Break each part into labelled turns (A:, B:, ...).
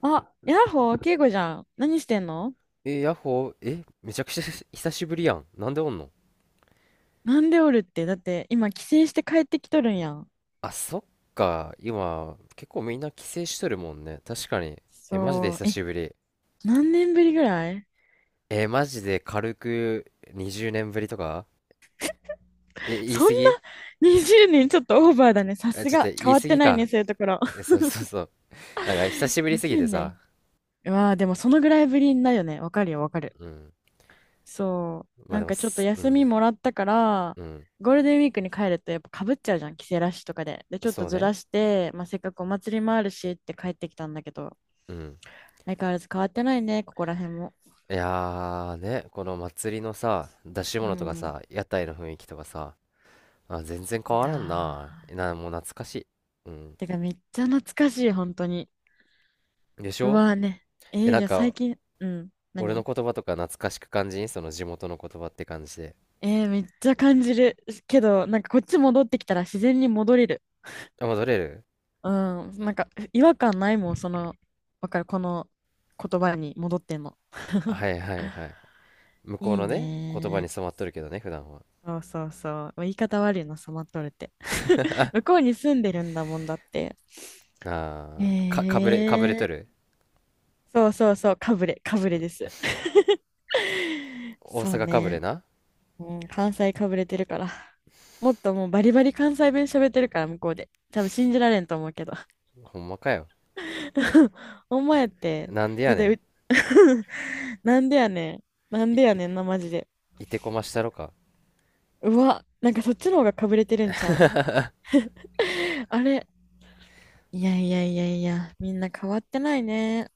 A: あ、ヤッホー、ケイコじゃん。何してんの？
B: ヤッホー、めちゃくちゃ 久しぶりやん。なんでおんの？
A: なんでおるって。だって、今、帰省して帰ってきとるんやん。
B: あ、そっか。今、結構みんな帰省しとるもんね。確かに。え、マジで
A: そう。
B: 久
A: え、
B: しぶり。
A: 何年ぶりぐらい？
B: え、マジで軽く20年ぶりとか。え、言い
A: そん
B: 過
A: な
B: ぎ。
A: 20年ちょっとオーバーだね。さ
B: あ、
A: す
B: ちょっと
A: が。
B: 言
A: 変
B: い
A: わっ
B: 過
A: て
B: ぎ
A: ないね、
B: か。
A: そういうところ。
B: え、そうそうそう。なんか久し ぶりすぎ
A: 20
B: てさ。
A: 年。うわあ、でもそのぐらいぶりだよね。わかるよ、わかる。
B: うん。
A: そう。
B: まあ
A: な
B: で
A: ん
B: も
A: かちょっと
B: す、う
A: 休み
B: ん、
A: もらったから、
B: うん。
A: ゴールデンウィークに帰るとやっぱかぶっちゃうじゃん、帰省ラッシュとかで。で、ちょっと
B: そう
A: ず
B: ね。
A: らして、まあ、せっかくお祭りもあるしって帰ってきたんだけど、
B: うん。
A: 相変わらず変わってないね、ここら辺も。
B: いやーね、この祭りのさ、出し
A: う
B: 物とか
A: ん。
B: さ、屋台の雰囲気とかさ、あ、全然変
A: い
B: わ
A: や
B: らんな。
A: ー。
B: な、もう懐かしい。うん。
A: てかめっちゃ懐かしい、本当に。
B: でし
A: う
B: ょ？
A: わーね。
B: え、な
A: じ
B: ん
A: ゃあ最
B: か、
A: 近、うん、
B: 俺の
A: 何？
B: 言葉とか懐かしく感じん？その地元の言葉って感じで。
A: めっちゃ感じるけど、なんかこっち戻ってきたら自然に戻れる。
B: あ、戻れる？
A: うん、なんか違和感ないもん、その、わかる、この言葉に戻っても。
B: はいはいはい。向こう
A: いい
B: のね、言葉
A: ね
B: に染
A: ー。
B: まっとるけどね、普段は。
A: そうそうそう。言い方悪いな、染まっとるって。向こうに住んでるんだもんだって。
B: あー、か、かぶれ、かぶれ
A: え
B: と
A: ー、
B: る？
A: そうそうそう、かぶれです。
B: 大
A: そう
B: 阪かぶれ
A: ね。
B: な。
A: うん、関西かぶれてるから。もっともうバリバリ関西弁喋ってるから、向こうで。多分信じられんと思うけど。
B: ほんまかよ。
A: お前って、
B: なんでや
A: だって
B: ね
A: う なんでやねん。なんでやねんな、マジで。
B: ん。いてこましたろか。
A: うわ、なんかそっちの方がかぶれてるんちゃう？ あれ。いやいやいやいや、みんな変わってないね。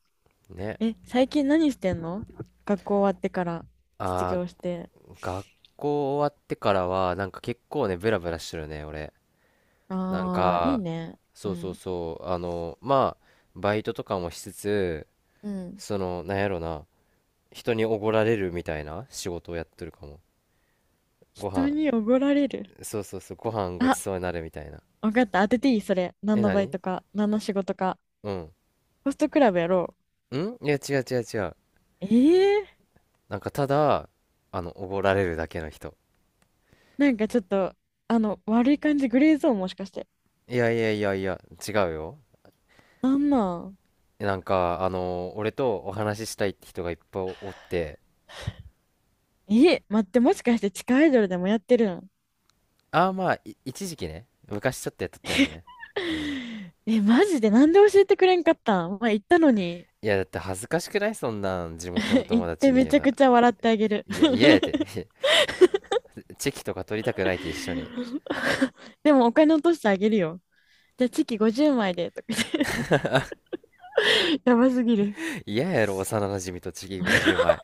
B: ね。
A: え、最近何してんの？学校終わってから、卒
B: あ
A: 業して。
B: ー、学校終わってからは、なんか結構ね、ブラブラしてるね、俺。なん
A: ああ、いい
B: か、
A: ね。う
B: そうそう
A: ん。
B: そう、あの、まあ、バイトとかもしつつ、
A: うん。
B: その、なんやろな、人におごられるみたいな仕事をやってるかも。ご
A: 人
B: 飯、
A: におごられる？
B: そうそうそう、ご飯ご
A: あ、
B: ちそうになるみたいな。
A: 分かった。当てていい、それ。何
B: え、
A: のバイ
B: 何？
A: トか、何の仕事か。
B: うん。
A: ホストクラブやろ
B: ん、いや、違う違う違う。
A: う？ええ、
B: なんか、ただ、あの、おごられるだけの人。
A: なんかちょっと、あの、悪い感じ、グレーゾーンもしかして。
B: いやいやいやいや、違うよ。
A: なんなん？
B: なんか、あの、俺とお話ししたいって人がいっぱいおって、
A: え、待って、もしかして地下アイドルでもやってるん？
B: ああ、まあ、い一時期ね、昔ちょっとやっとったよね。うん。
A: え、マジでなんで教えてくれんかったん？まあ、言ったのに。
B: いや、だって恥ずかしくない？そんなん、地元の 友
A: 行っ
B: 達
A: て
B: に
A: め
B: 言う
A: ちゃ
B: の。
A: くちゃ笑ってあげる。
B: いや、嫌やて。チェキとか取りたくないって一緒に。
A: でもお金落としてあげるよ。じゃあチキ50枚でとか言って やばすぎる。
B: 嫌やろ、幼馴染とチキ50枚。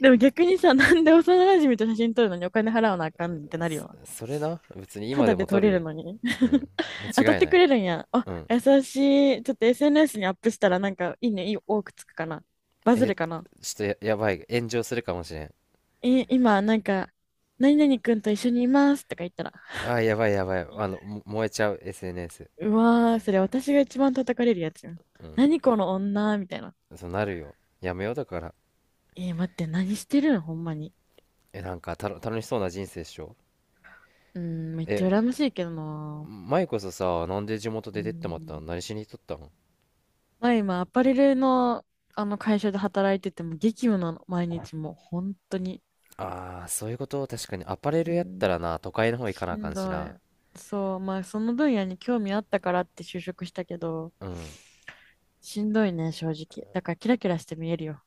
A: でも逆にさ、なんで幼馴染と写真撮るのにお金払わなあかんねんってなるよ。
B: そ、それな、別に
A: た
B: 今
A: だ
B: でも
A: で取
B: 取
A: れ
B: る
A: る
B: よ。
A: のに。
B: うん。
A: 当たっ
B: 間違い
A: て
B: な
A: く
B: い。
A: れるんや。あ、
B: うん。
A: 優しい。ちょっと SNS にアップしたら、なんかいいね、いい多くつくかな。バズ
B: え、
A: るかな。
B: ちょっとや、やばい。炎上するかもしれん。
A: え、今なんか、何々くんと一緒にいますとか言ったら、
B: あ、やばいやばい。あの、も燃えちゃう、SNS。
A: うわー、それ私が一番叩かれるやつやん。
B: うん。
A: 何この女みたいな。
B: そうなるよ。やめようだから。
A: 待って、何してるのほんまに。
B: え、なんか、たの、楽しそうな人生っしょ。
A: うーん、めっちゃ羨
B: え、
A: ましいけどな。
B: 前こそさ、なんで地元
A: うー
B: で出てってまったの？
A: ん。
B: 何しに行っとったの？
A: まあ今、アパレルの、あの会社で働いてても激務なの、毎日もう、本当に。
B: ああー、そういうこと、確かに。アパレ
A: う
B: ルやっ
A: ん、
B: たらな、都会の方行か
A: し
B: なあか
A: ん
B: んし
A: どい。
B: な。
A: そう、まあその分野に興味あったからって就職したけど、
B: うん。
A: しんどいね、正直。だからキラキラして見えるよ、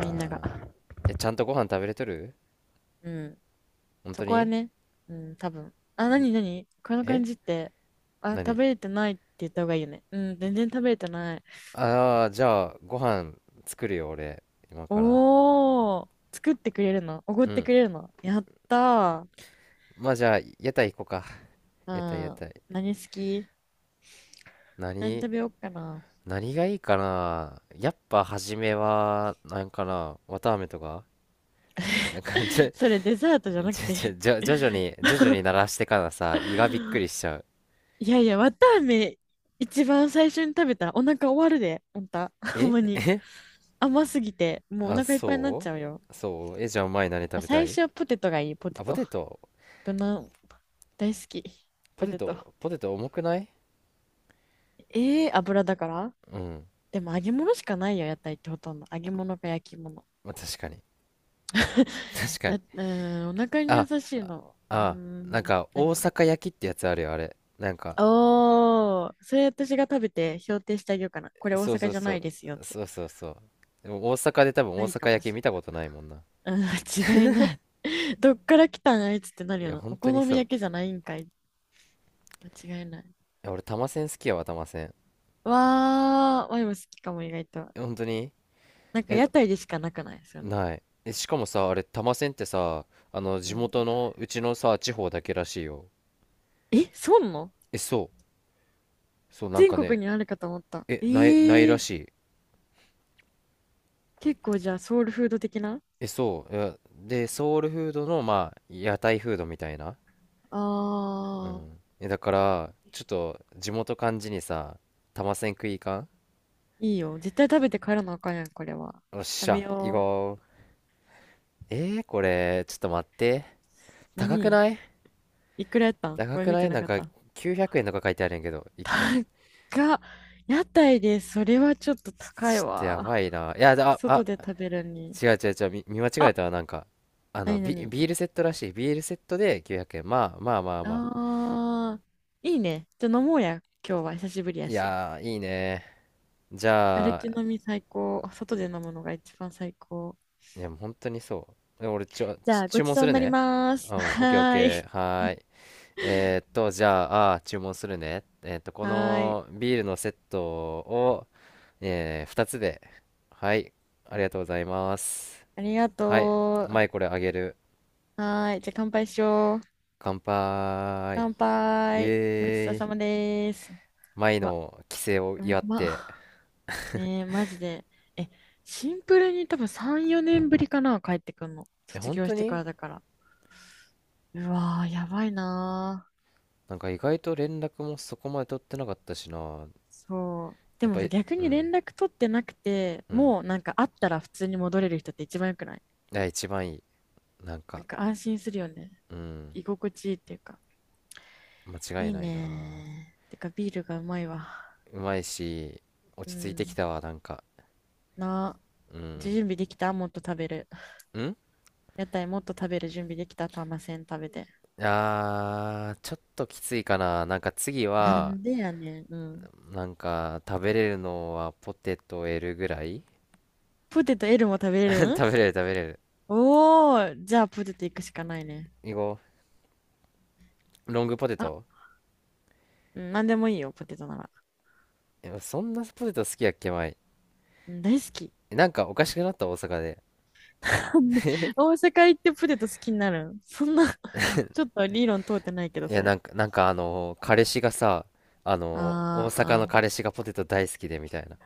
A: みんなが。
B: あ。え、ちゃんとご飯食べれとる？
A: うん。
B: 本
A: そ
B: 当
A: こは
B: に？
A: ね、うん、多分。あ、なになにこの感
B: え、
A: じって、あ、食
B: 何？
A: べれてないって言った方がいいよね。うん、全然食べれてない。
B: ああー、じゃあ、ご飯作るよ、俺。今から。
A: おー、作ってくれるの？おごっ
B: う
A: て
B: ん。
A: くれるの？やったー。
B: まあ、じゃあ、屋台行こうか。
A: う
B: 屋台、屋
A: ん。
B: 台。
A: 何好き？何
B: 何？
A: 食べようかな。
B: 何がいいかなやっぱ、初めは、なんかな、綿あめとか。なんか、ちょ、
A: それデザートじゃなくて？
B: ちょ、ちょ、じゃ徐々 に、徐々に鳴らしてからさ、胃がびっくりしちゃう。
A: いやいや、わたあめ一番最初に食べたらお腹終わるで、あんた。ほんま
B: え、
A: に。甘すぎて、もうお
B: あ、
A: 腹いっぱいになっち
B: そ
A: ゃうよ。
B: うそう。え、じゃあ、お前何食べた
A: 最
B: い？
A: 初はポテトがいい、ポテ
B: あ、ポ
A: ト。
B: テト。
A: 無難。大好き。
B: ポ
A: ポ
B: テ
A: テト。
B: ト、ポテト重くない？
A: ええー、油だから。
B: うん。
A: でも揚げ物しかないよ、屋台ってほとんど。揚げ物か焼き物。
B: まあ、確かに。確 か
A: だ
B: に。
A: うーん、お腹に
B: あ、
A: 優
B: あ
A: しいの。うー
B: あ、なん
A: ん、
B: か、大
A: 何？
B: 阪焼きってやつあるよ、あれ。なんか、
A: おー、それ私が食べて評定してあげようかな。これ大
B: そうそ
A: 阪
B: う
A: じゃ
B: そ
A: ない
B: う。
A: ですよって。
B: そうそうそう。でも大阪で多分
A: な
B: 大
A: いか
B: 阪
A: も
B: 焼き
A: し
B: 見
A: れ
B: た
A: ない。
B: ことないもんな。
A: うん、間違いない。どっから来たんあいつってなる
B: い
A: よ
B: や、
A: な。お
B: 本当に
A: 好
B: そ
A: み
B: う。
A: 焼きじゃないんかい。間違いない。
B: いや、俺、玉せん好きやわ、玉せん。
A: わー、ワイも好きかも、意外と。
B: え本当に？
A: なんか
B: え、
A: 屋台でしかなくない、そういうの。
B: ない。え、しかもさ、あれ、玉せんってさ、あの、
A: う
B: 地
A: ん。
B: 元の、うちのさ、地方だけらしいよ。
A: え、そうなの？
B: え、そう。そう、なん
A: 全
B: か
A: 国
B: ね、
A: にあるかと思った。
B: え、ない、ないら
A: ー、
B: しい。
A: 結構じゃあソウルフード的な？
B: え、そう。いやで、ソウルフードの、まあ、屋台フードみたいな。
A: あ
B: うん。
A: ー、
B: え、だからちょっと地元感じにさ玉せん食いかん？
A: いいよ。絶対食べて帰らなあかんやん、これは。
B: よっし
A: 食べ
B: ゃ行
A: よう。
B: こう。えー、これちょっと待って。高く
A: 何？
B: ない？
A: いくらやったんこ
B: 高
A: れ、
B: く
A: 見
B: な
A: て
B: い
A: な
B: なん
A: かっ
B: か
A: た。
B: 900円とか書いてあるんやけど1個。
A: 高っ。屋台でそれはちょっと高い
B: ちょっとや
A: わ。
B: ばいないやああ、
A: 外で食べるに。
B: 違う違う違う、見、見間違え
A: あ、
B: たわなんか、あ
A: な
B: の、
A: にな
B: ビ、
A: に。
B: ビールセットらしい、ビールセットで900円、まあまあまあまあ、
A: あー、いいね。じゃあ飲もうや。今日は久しぶりや
B: い
A: し。
B: やーいいね、じ
A: 歩
B: ゃ
A: き
B: あ、
A: 飲み最高。外で飲むのが一番最高。
B: いやもう本当にそうで俺ちょ
A: じ
B: ち
A: ゃあ、ご
B: 注
A: ち
B: 文す
A: そうに
B: る
A: なり
B: ね。
A: ます。
B: うんオッケーオッ
A: はー
B: ケ
A: い。
B: ーはーい。えーっと、じゃあ、あー注文するね。えーっと、こ
A: はーい。
B: のビールのセットを、2つで。はい。ありがとうございます。
A: ありが
B: はい。
A: とう。
B: 前これあげる。
A: はーい。じゃあ、乾杯しよう。
B: 乾杯。
A: 乾
B: イ
A: 杯。ごちそう
B: エー
A: さま
B: イ。
A: です。
B: 前
A: うわ、
B: の帰省を
A: う
B: 祝って。
A: まねえ、マジで。え、シンプルに多分3、4年ぶりかな、帰ってくんの。
B: え、
A: 卒
B: 本
A: 業し
B: 当
A: てか
B: に？
A: らだから。うわー、やばいなー。
B: なんか意外と連絡もそこまで取ってなかったしな。
A: そう。で
B: やっ
A: も
B: ぱ
A: さ、
B: り、
A: 逆
B: う
A: に
B: ん。
A: 連絡取ってなくて、
B: うん。
A: もうなんか会ったら普通に戻れる人って一番良くない？
B: いや、一番いい。なん
A: な
B: か、
A: んか安心するよね。
B: うん。
A: 居心地いいっていうか。
B: 間違
A: い
B: い
A: い
B: ないな。
A: ねー。てかビールがうまいわ。
B: うまいし、
A: う
B: 落ち着いてき
A: ん。
B: たわ、なんか。
A: な、
B: うん。
A: 準備できた？もっと食べる。
B: ん、
A: 屋台もっと食べる準備できた？ターマセン食べて。
B: あー、ちょっときついかな。なんか次
A: な
B: は、
A: んでやねん。うん。
B: なんか食べれるのはポテト L ぐらい。
A: ポテト L も食べ れるん？
B: 食べれる食べれる。
A: おー、じゃあポテト行くしかないね。
B: いこう。ロングポテ
A: あ、
B: ト。
A: うん、なんでもいいよ、ポテトなら。
B: いやそんなポテト好きやっけ、前。
A: うん、大好き。
B: なんかおかしくなった、大阪で。
A: なんで大 阪行ってポテト好きになるん、そんな。ちょっと理論通ってないけど、
B: い
A: そ
B: や、な
A: れ。
B: んか、なんかあのー彼氏がさ、あのー大阪の
A: あー、
B: 彼氏がポテト大好きでみたいな。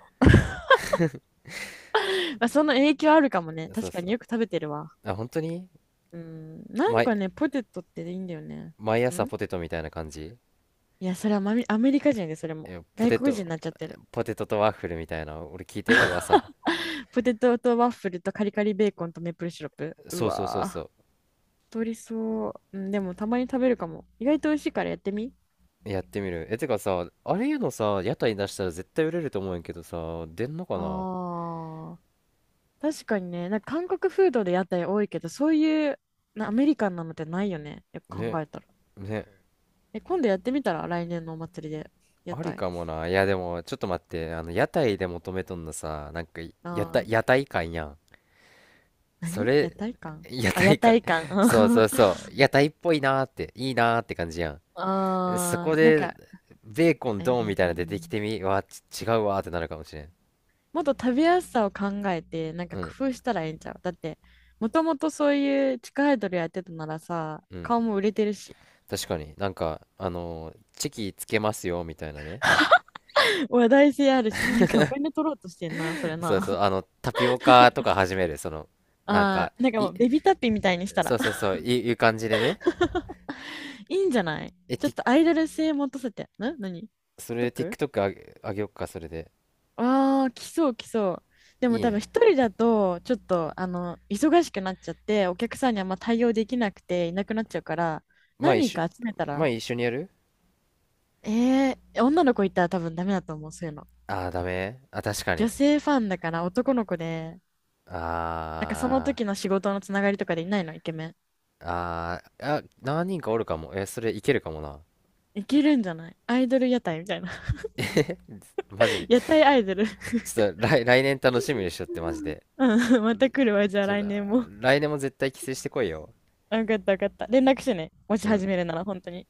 A: まあ、その影響あるかもね。
B: そう
A: 確か
B: そ
A: に
B: う。
A: よく食べてるわ。
B: あ、本当に？
A: うん、なんか
B: 毎、
A: ね、ポテトっていいんだよね。
B: 毎朝
A: ん
B: ポテトみたいな感じ？
A: いや、それはマミ、アメリカ人で、それ
B: い
A: も。
B: やポ
A: 外
B: テ
A: 国人に
B: ト、
A: なっちゃってる。
B: ポテトとワッフルみたいな。俺聞いてよ、噂。
A: ポテトとワッフルとカリカリベーコンとメープルシロップ。う
B: そうそうそうそ
A: わー、
B: う。
A: 太りそう。うん、でもたまに食べるかも。意外と美味しいからやってみ。
B: やってみる。え、てかさ、あれいうのさ、屋台出したら絶対売れると思うんやけどさ、出んのか
A: あ
B: な？
A: ー。確かにね、なんか韓国フードで屋台多いけど、そういうなアメリカンなのってないよね。よく
B: ね、
A: 考えたら。
B: ね、
A: え、今度やってみたら？来年のお祭りで屋
B: あり
A: 台。
B: かもな。いや、でも、ちょっと待って、あの、屋台で求めとんのさ、なんか、屋
A: ああ、
B: 台、屋台感やん。そ
A: 何屋
B: れ、
A: 台館？
B: 屋
A: あ、屋
B: 台感、
A: 台館。
B: そうそ
A: あ
B: うそう、屋台っぽいなーって、いいなーって感じやん。そこ
A: あ、なん
B: で、
A: か、
B: ベーコンドンみ
A: え
B: たいな出てき
A: ー
B: てみ、わ、ち違うわーってなるかもしれん。
A: もっと食べやすさを考えて、なんか
B: うん、
A: 工夫したらいいんちゃう？だって、もともとそういう地下アイドルやってたならさ、
B: うん。
A: 顔も売れてるし、
B: 確かに、なんか、あのーチキつけますよ、みたいなね。
A: 話題性あるし、なんかお金取ろうとしてんな、それ
B: そうそう、
A: な。
B: あの、タピオカとか始める、その、なん
A: あ
B: か、
A: あ、なんか
B: い、
A: もうベビータッピーみたいにした
B: そ
A: ら。
B: うそうそう、いいう感じでね。
A: いいんじゃない？
B: え、
A: ちょ
B: テ
A: っ
B: ィ、
A: とアイドル性持たせて。な、何？
B: それ
A: TikTok？
B: TikTok あげ、あげよっか、それで。
A: ああ、来そう来そう。でも
B: いい
A: 多分
B: ね。
A: 一人だと、ちょっと、忙しくなっちゃって、お客さんにあんま対応できなくていなくなっちゃうから、
B: まあ一
A: 何人
B: 緒、
A: か集めた
B: まあ
A: ら？
B: 一緒にやる？
A: 女の子いたら多分ダメだと思う、そういうの。
B: ああー、ダメあ、確か
A: 女
B: に。
A: 性ファンだから男の子で、なんかその
B: あ
A: 時の仕事のつながりとかでいないの、イケメン。
B: ー、あー、あ、何人かおるかも。え、それいけるかもな。
A: いけるんじゃない？アイドル屋台みたいな。
B: マジで。
A: 屋台アイドル。
B: ちょっと来、来年楽しみにしとって、マジで。
A: うん、また来るわ、じゃあ
B: ちょっと、
A: 来年も。
B: 来年も絶対帰省してこいよ。
A: あ、よかったよかった。連絡してね。もし
B: うん。
A: 始めるなら、本当に。